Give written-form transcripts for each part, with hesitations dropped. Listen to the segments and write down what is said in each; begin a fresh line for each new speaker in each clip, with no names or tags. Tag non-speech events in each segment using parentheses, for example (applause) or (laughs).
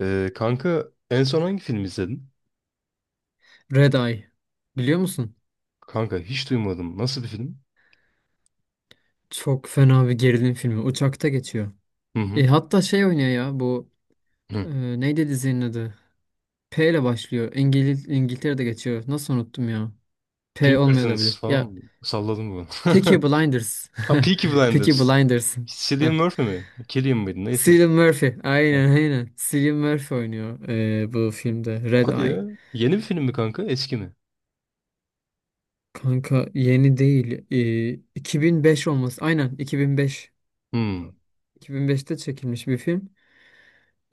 Kanka en son hangi film izledin?
Red Eye. Biliyor musun?
Kanka hiç duymadım. Nasıl bir film?
Çok fena bir gerilim filmi. Uçakta geçiyor.
Hı hı.
Hatta şey oynuyor ya bu
Hı.
e, neydi dizinin adı? P ile başlıyor. İngiliz İngiltere'de geçiyor. Nasıl unuttum ya? P
Pink
olmuyor da
Curtains
bilir.
falan
Ya
mı? Salladım bunu.
Peaky
(laughs)
Blinders.
Ha,
(laughs)
Peaky
Peaky
Blinders.
Blinders. Heh.
Cillian Murphy mi? Cillian mıydı? Neyse.
Cillian Murphy.
Ha.
Aynen aynen. Cillian Murphy oynuyor bu filmde. Red
Hadi
Eye.
ya. Yeni bir film mi kanka? Eski mi?
Kanka yeni değil. 2005 olması. Aynen 2005.
Hmm.
2005'te çekilmiş bir film.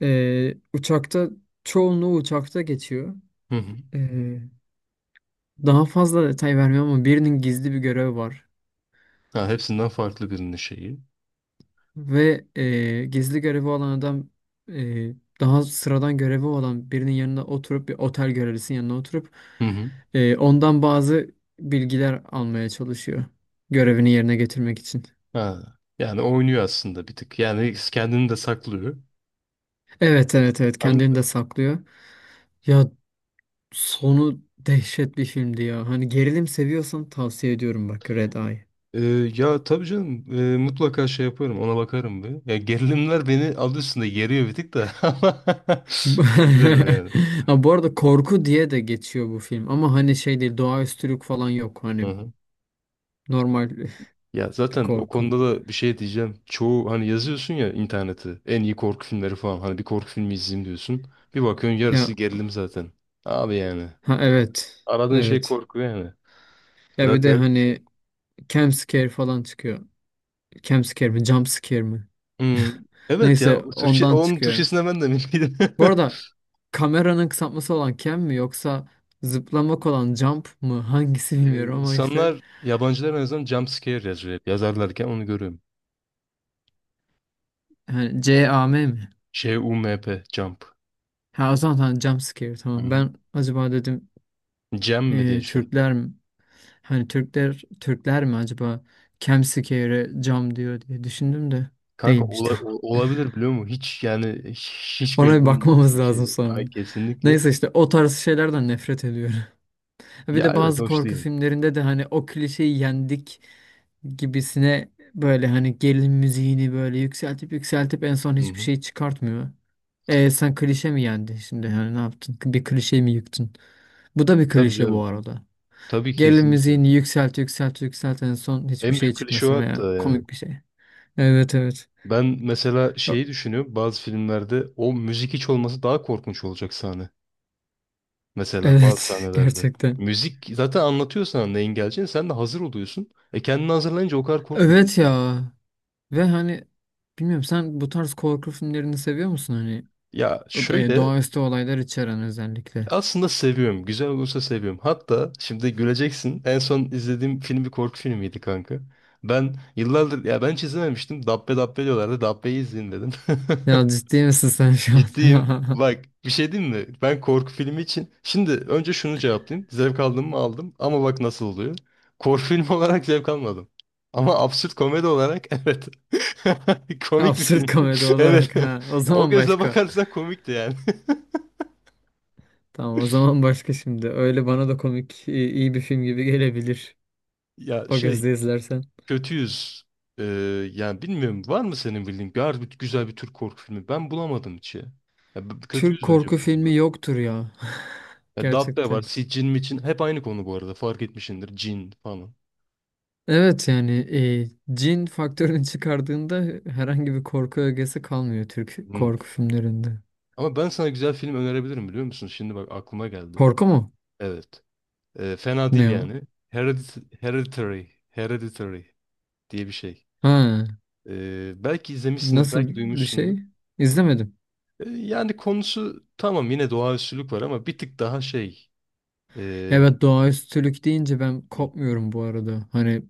Uçakta çoğunluğu uçakta geçiyor.
Hı hı.
Ee, daha fazla detay vermiyorum ama birinin gizli bir görevi var.
Ha, hepsinden farklı birinin şeyi.
Ve gizli görevi olan adam e, daha sıradan görevi olan birinin yanına oturup bir otel görevlisinin yanına oturup
Hı hı.
ondan bazı bilgiler almaya çalışıyor. Görevini yerine getirmek için.
Ha. Yani oynuyor aslında bir tık. Yani kendini de saklıyor.
Evet evet evet, kendini de
Anladım.
saklıyor. Ya sonu dehşet bir filmdi ya. Hani gerilim seviyorsan tavsiye ediyorum bak, Red Eye.
Ee, Ya tabii canım, mutlaka şey yaparım, ona bakarım bir. Ya gerilimler beni adı üstünde geriyor bir tık da, (laughs) ama
Bu
izlerim yani.
(laughs) ha, bu arada korku diye de geçiyor bu film ama hani şey değil, doğaüstülük falan yok hani,
Hı-hı.
normal (laughs)
Ya
bir
zaten o
korku.
konuda da bir şey diyeceğim. Çoğu hani yazıyorsun ya internete en iyi korku filmleri falan, hani bir korku filmi izleyeyim diyorsun. Bir bakıyorsun yarısı
Ya
gerilim zaten. Abi yani
ha evet
aradığın şey
evet,
korku yani.
ya
Biraz
bir de
garip bir şey.
hani jump scare falan çıkıyor. Jump scare mi jump scare mi?
Hmm.
(laughs)
Evet ya,
Neyse
o Türkçe,
ondan
onun
çıkıyor.
Türkçesine ben de bilmiyordum.
Bu arada
(laughs)
kameranın kısaltması olan cam mi yoksa zıplamak olan jump mı, (laughs) hangisi bilmiyorum ama işte
İnsanlar yabancılar en azından jump scare yazıyor hep. Yazarlarken onu görüyorum.
hani C A M mi?
C-U-M-P. Jump.
Ha o zaman tamam, jump scare
Hı
tamam,
hı.
ben acaba dedim
Cem mi diye düşündüm.
Türkler mi? Hani Türkler mi acaba Kemsikere cam diyor diye düşündüm de
Kanka
değilmiş. (laughs) Tamam.
olabilir biliyor musun? Hiç yani, hiç
Ona
belli
bir
olmuyor
bakmamız
bizim şey.
lazım sonra.
Ay kesinlikle.
Neyse işte o tarz şeylerden nefret ediyorum. (laughs) Bir
Ya
de
evet,
bazı
hoş
korku
değil.
filmlerinde de hani o klişeyi yendik gibisine böyle, hani gerilim müziğini böyle yükseltip yükseltip en son
Hı
hiçbir
hı.
şey çıkartmıyor. E sen klişe mi yendin şimdi? Hani ne yaptın? Bir klişe mi yıktın? Bu da bir
Tabii
klişe bu
canım.
arada.
Tabii
Gerilim
kesinlikle.
müziğini yükselt yükselt yükselt en son hiçbir
En
şey
büyük klişe o
çıkmasın veya
hatta yani.
komik bir şey. Evet evet.
Ben mesela şeyi düşünüyorum. Bazı filmlerde o müzik hiç olması daha korkunç olacak sahne. Mesela bazı
Evet, (laughs)
sahnelerde.
gerçekten.
Müzik zaten anlatıyor sana neyin geleceğini. Sen de hazır oluyorsun. E kendini hazırlayınca o kadar korkmuyorsun
Evet
mesela.
ya. Ve hani bilmiyorum, sen bu tarz korku filmlerini seviyor musun hani?
Ya şöyle,
Doğaüstü olaylar içeren özellikle.
aslında seviyorum. Güzel olursa seviyorum. Hatta şimdi güleceksin. En son izlediğim film bir korku filmiydi kanka. Ben yıllardır, ya ben hiç izlememiştim. Dabbe diyorlardı. Dabbe'yi izleyin dedim.
Ya ciddi misin sen
(laughs)
şu
Ciddiyim.
an?
Bak bir şey diyeyim mi? Ben korku filmi için şimdi önce şunu cevaplayayım. Zevk aldım mı aldım, ama bak nasıl oluyor. Korku filmi (laughs) olarak zevk almadım. Ama absürt komedi olarak (laughs) evet. (laughs)
(laughs)
Komik bir
Absürt
filmdi.
komedi
(laughs) Evet.
olarak ha. O
(laughs) Ya, o
zaman
gözle
başka.
bakarsan komikti yani.
Tamam o zaman başka şimdi. Öyle bana da komik, iyi iyi bir film gibi gelebilir.
(laughs) Ya
O
şey,
gözle izlersen.
kötüyüz. Ee, Yani bilmiyorum, var mı senin bildiğin harbi güzel bir Türk korku filmi? Ben bulamadım hiç ya. Ya kötüyüz
Türk
bence bu
korku
konuda.
filmi yoktur ya. (laughs)
Ya Dabbe var,
Gerçekten.
Cin mi Cin? Hep aynı konu, bu arada fark etmişsindir. Cin falan.
Evet yani cin faktörünü çıkardığında herhangi bir korku ögesi kalmıyor Türk
Hmm.
korku filmlerinde.
Ama ben sana güzel film önerebilirim biliyor musun? Şimdi bak, aklıma geldi.
Korku mu?
Evet. Fena değil
Ne o?
yani. Hereditary. Hereditary diye bir şey.
Ha,
Belki izlemişsindir,
nasıl
belki
bir
duymuşsundur.
şey? İzlemedim.
Yani konusu tamam, yine doğaüstülük var ama bir tık daha şey...
Ya ben doğaüstülük deyince ben
ee,
kopmuyorum bu arada. Hani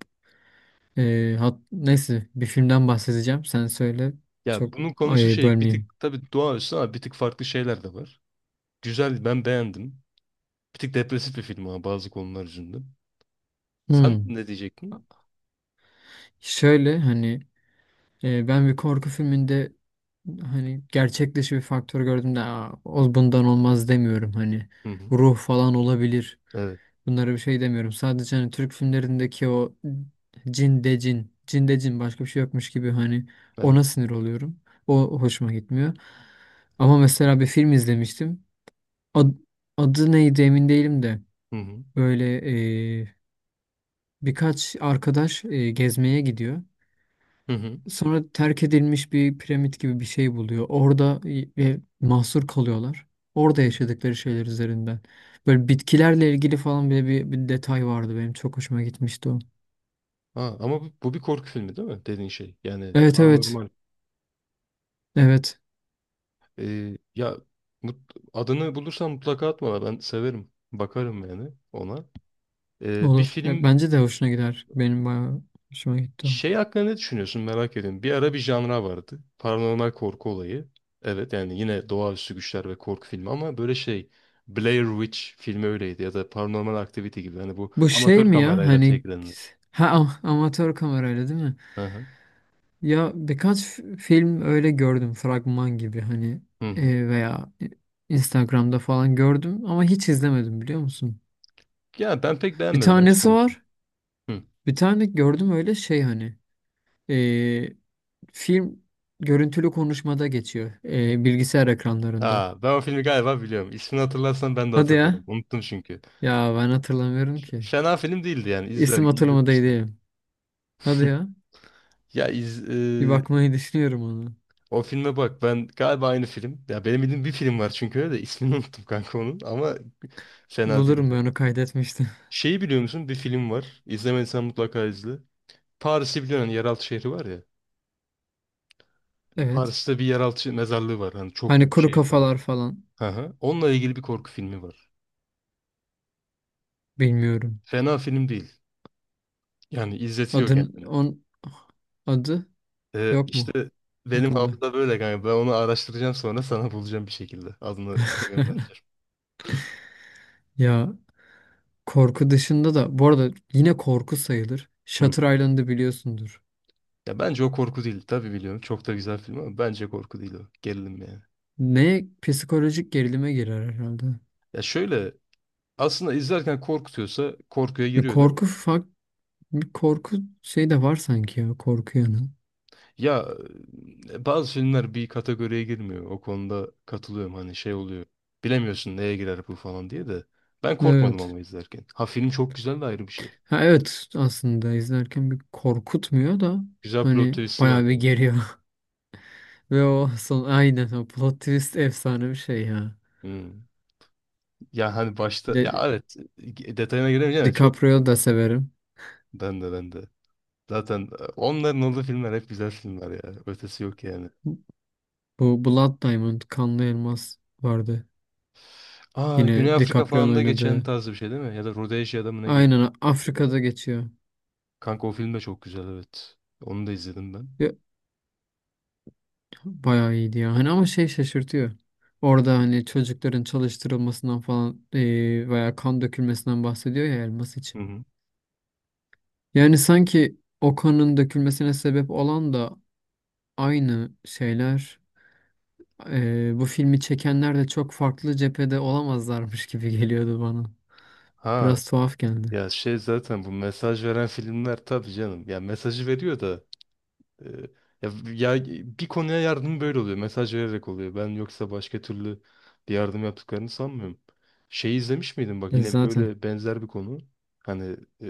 e, hat, Neyse bir filmden bahsedeceğim. Sen söyle.
Ya
Çok,
bunun konusu
ay,
şey, bir tık
bölmeyeyim.
tabii doğaüstü ama bir tık farklı şeyler de var. Güzel, ben beğendim. Bir tık depresif bir film ama bazı konular yüzünden. Sen
Hmm.
ne diyecektin?
Şöyle hani ben bir korku filminde hani gerçek dışı bir faktör gördüm de, "Aa, o bundan olmaz" demiyorum. Hani
Hı hı.
ruh falan olabilir.
Evet.
Bunlara bir şey demiyorum. Sadece hani Türk filmlerindeki o cin de cin, cin de cin, başka bir şey yokmuş gibi hani,
Evet.
ona sinir oluyorum. O hoşuma gitmiyor. Ama mesela bir film izlemiştim. Ad- adı neydi emin değilim de,
Hı hı.
böyle e, birkaç arkadaş gezmeye gidiyor.
Hı hı.
Sonra terk edilmiş bir piramit gibi bir şey buluyor. Orada ve mahsur kalıyorlar. Orada
Hı.
yaşadıkları şeyler üzerinden. Böyle bitkilerle ilgili falan bile bir detay vardı benim. Çok hoşuma gitmişti o.
Ha, ama bu, bu bir korku filmi değil mi? Dediğin şey. Yani
Evet
daha
evet. Evet.
Ya adını bulursan mutlaka atma. Ben severim. Bakarım yani ona. Ee, bir
Olur. Ya
film
bence de hoşuna gider. Benim bayağı hoşuma gitti o.
şey hakkında ne düşünüyorsun, merak ediyorum. Bir ara bir janra vardı. Paranormal korku olayı. Evet yani, yine doğaüstü güçler ve korku filmi, ama böyle şey, Blair Witch filmi öyleydi ya da Paranormal Activity gibi. Hani bu
Bu şey
amatör
mi ya?
kamerayla
Hani
çekilenler.
ha am- amatör kamerayla değil mi?
Hı hı.
Ya birkaç film öyle gördüm, fragman gibi hani
Hı hı.
veya Instagram'da falan gördüm ama hiç izlemedim biliyor musun?
Ya ben pek
Bir
beğenmedim, açık
tanesi
konuşayım.
var.
Hı.
Bir tane gördüm öyle şey hani. e, Film görüntülü konuşmada geçiyor. Bilgisayar ekranlarında.
Aa, ben o filmi galiba biliyorum. İsmini hatırlarsan ben de
Hadi
hatırlarım.
ya.
Unuttum çünkü.
Ya ben hatırlamıyorum ki.
Fena film değildi yani. İzler,
İsim
izletmişti.
hatırlamadaydım. Hadi ya.
Ya iz, e,
Bir bakmayı (laughs) düşünüyorum onu.
O filme bak, ben galiba aynı film. Ya benim bildiğim bir film var çünkü öyle, de ismini (laughs) unuttum kanka onun, ama fena
Bulurum, ben
değildi.
onu kaydetmiştim.
Şeyi biliyor musun? Bir film var. İzlemediysen mutlaka izle. Paris'i biliyorsun, hani yeraltı şehri var ya.
(laughs) Evet.
Paris'te bir yeraltı mezarlığı var. Hani çok
Hani
büyük,
kuru
şehir kadar.
kafalar falan.
Hı hı. Onunla ilgili bir korku filmi var.
Bilmiyorum.
Fena film değil. Yani izletiyor
Adın,
kendini.
on, adı yok
İşte
mu
benim
aklında?
hafıza böyle kanka. Ben onu araştıracağım, sonra sana bulacağım bir şekilde. Adını (laughs) göndereceğim.
Ya korku dışında da bu arada, yine korku sayılır,
Hı.
Shutter Island'ı biliyorsundur.
Ya bence o korku değil. Tabii biliyorum. Çok da güzel film, ama bence korku değil o. Gerilim yani.
Ne, psikolojik gerilime girer herhalde.
Ya şöyle, aslında izlerken korkutuyorsa korkuya
Bir
giriyor değil mi?
korku fak bir korku şey de var sanki, ya korku yanı.
Ya Bazı filmler bir kategoriye girmiyor. O konuda katılıyorum, hani şey oluyor. Bilemiyorsun neye girer bu falan diye de. Ben korkmadım
Evet.
ama izlerken. Ha, film çok güzel de, ayrı bir şey.
Ha evet, aslında izlerken bir korkutmuyor da
Güzel plot
hani
twist'i var
bayağı bir
yani.
geriyor. (laughs) Ve o son, aynen o plot twist efsane bir şey ya.
Hmm. Ya hani
Bir
başta ya
de
evet, detayına giremeyeceğim ama çok iyi
DiCaprio'yu
film.
da severim.
Ben de, ben de. Zaten onların olduğu filmler hep güzel filmler ya. Ötesi yok yani.
Bu Blood Diamond, Kanlı Elmas vardı.
Aa,
Yine
Güney Afrika falan
DiCaprio'nun
da geçen
oynadığı.
tarzı bir şey değil mi? Ya da Rodezya'da mı ne geçiyor?
Aynen
Afrika'da.
Afrika'da geçiyor.
Kanka o film de çok güzel evet. Onu da izledim ben.
Bayağı iyiydi ya. Hani ama şey şaşırtıyor. Orada hani çocukların çalıştırılmasından falan veya kan dökülmesinden bahsediyor ya, elmas
Hı
için.
hı.
Yani sanki o kanın dökülmesine sebep olan da aynı şeyler. Bu filmi çekenler de çok farklı cephede olamazlarmış gibi geliyordu bana.
Ha
Biraz tuhaf geldi.
ya şey, zaten bu mesaj veren filmler, tabii canım. Ya mesajı veriyor da, e, ya, ya bir konuya yardım böyle oluyor. Mesaj vererek oluyor. Ben yoksa başka türlü bir yardım yaptıklarını sanmıyorum. Şey izlemiş miydin bak,
Ya
yine
zaten.
böyle benzer bir konu. Hani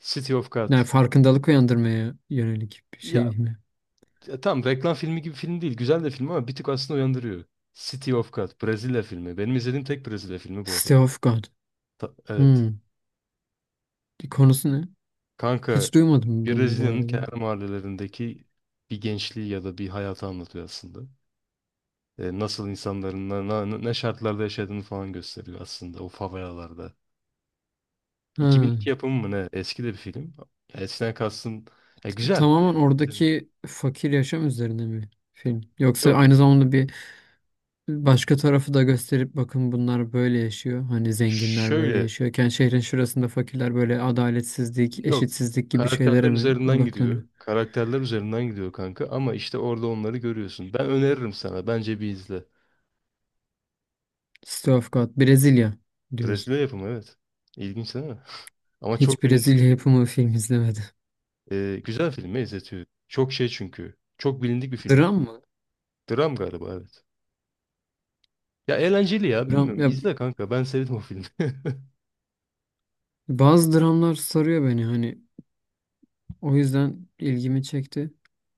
City of God.
Yani farkındalık uyandırmaya yönelik bir
Ya,
şey mi?
ya tam reklam filmi gibi film değil. Güzel de film ama bir tık aslında uyandırıyor. City of God. Brezilya filmi. Benim izlediğim tek Brezilya filmi bu arada.
City of God.
Evet.
Hmm. Konusu ne?
Kanka
Hiç duymadım bunu bu
Brezilya'nın
arada.
kenar mahallelerindeki bir gençliği ya da bir hayatı anlatıyor aslında. E, nasıl insanların ne şartlarda yaşadığını falan gösteriyor aslında o favelalarda.
Ha.
2002 yapımı mı ne? Eski de bir film. Ya, eskiden kastım, ya, güzel
Tamamen
yani, izlenir.
oradaki fakir yaşam üzerine mi film? Yoksa
Yok
aynı zamanda bir başka tarafı da gösterip bakın bunlar böyle yaşıyor. Hani zenginler böyle
şöyle
yaşıyorken şehrin şurasında fakirler böyle, adaletsizlik,
yok.
eşitsizlik gibi şeylere
Karakterler
mi
üzerinden
odaklanıyor?
gidiyor. Karakterler üzerinden gidiyor kanka, ama işte orada onları görüyorsun. Ben öneririm sana. Bence bir izle.
City of God, Brezilya diyorsun.
Brezilya yapımı evet. İlginç değil mi? (laughs) Ama çok
Hiç
bilindik bir
Brezilya
film.
yapımı film izlemedim.
Güzel filmi, izletiyor. Çok şey çünkü. Çok bilindik bir film.
Dram mı?
Dram galiba evet. Ya eğlenceli, ya
Dram,
bilmiyorum.
ya
İzle kanka, ben sevdim o filmi. (laughs)
bazı dramlar sarıyor beni hani. O yüzden ilgimi çekti.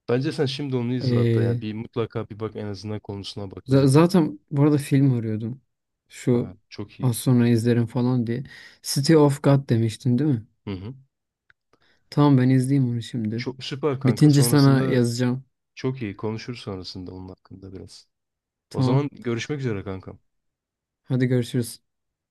Bence sen şimdi onu izle hatta, yani bir mutlaka bir bak en azından konusuna, bak özetine.
Zaten bu arada film arıyordum. Şu
Ha, çok iyi.
az sonra izlerim falan diye. City of God demiştin değil mi?
Hı hı.
Tamam, ben izleyeyim onu şimdi.
Çok süper kanka.
Bitince sana
Sonrasında
yazacağım.
çok iyi konuşuruz sonrasında onun hakkında biraz. O
Tamam.
zaman görüşmek üzere kankam.
Hadi görüşürüz.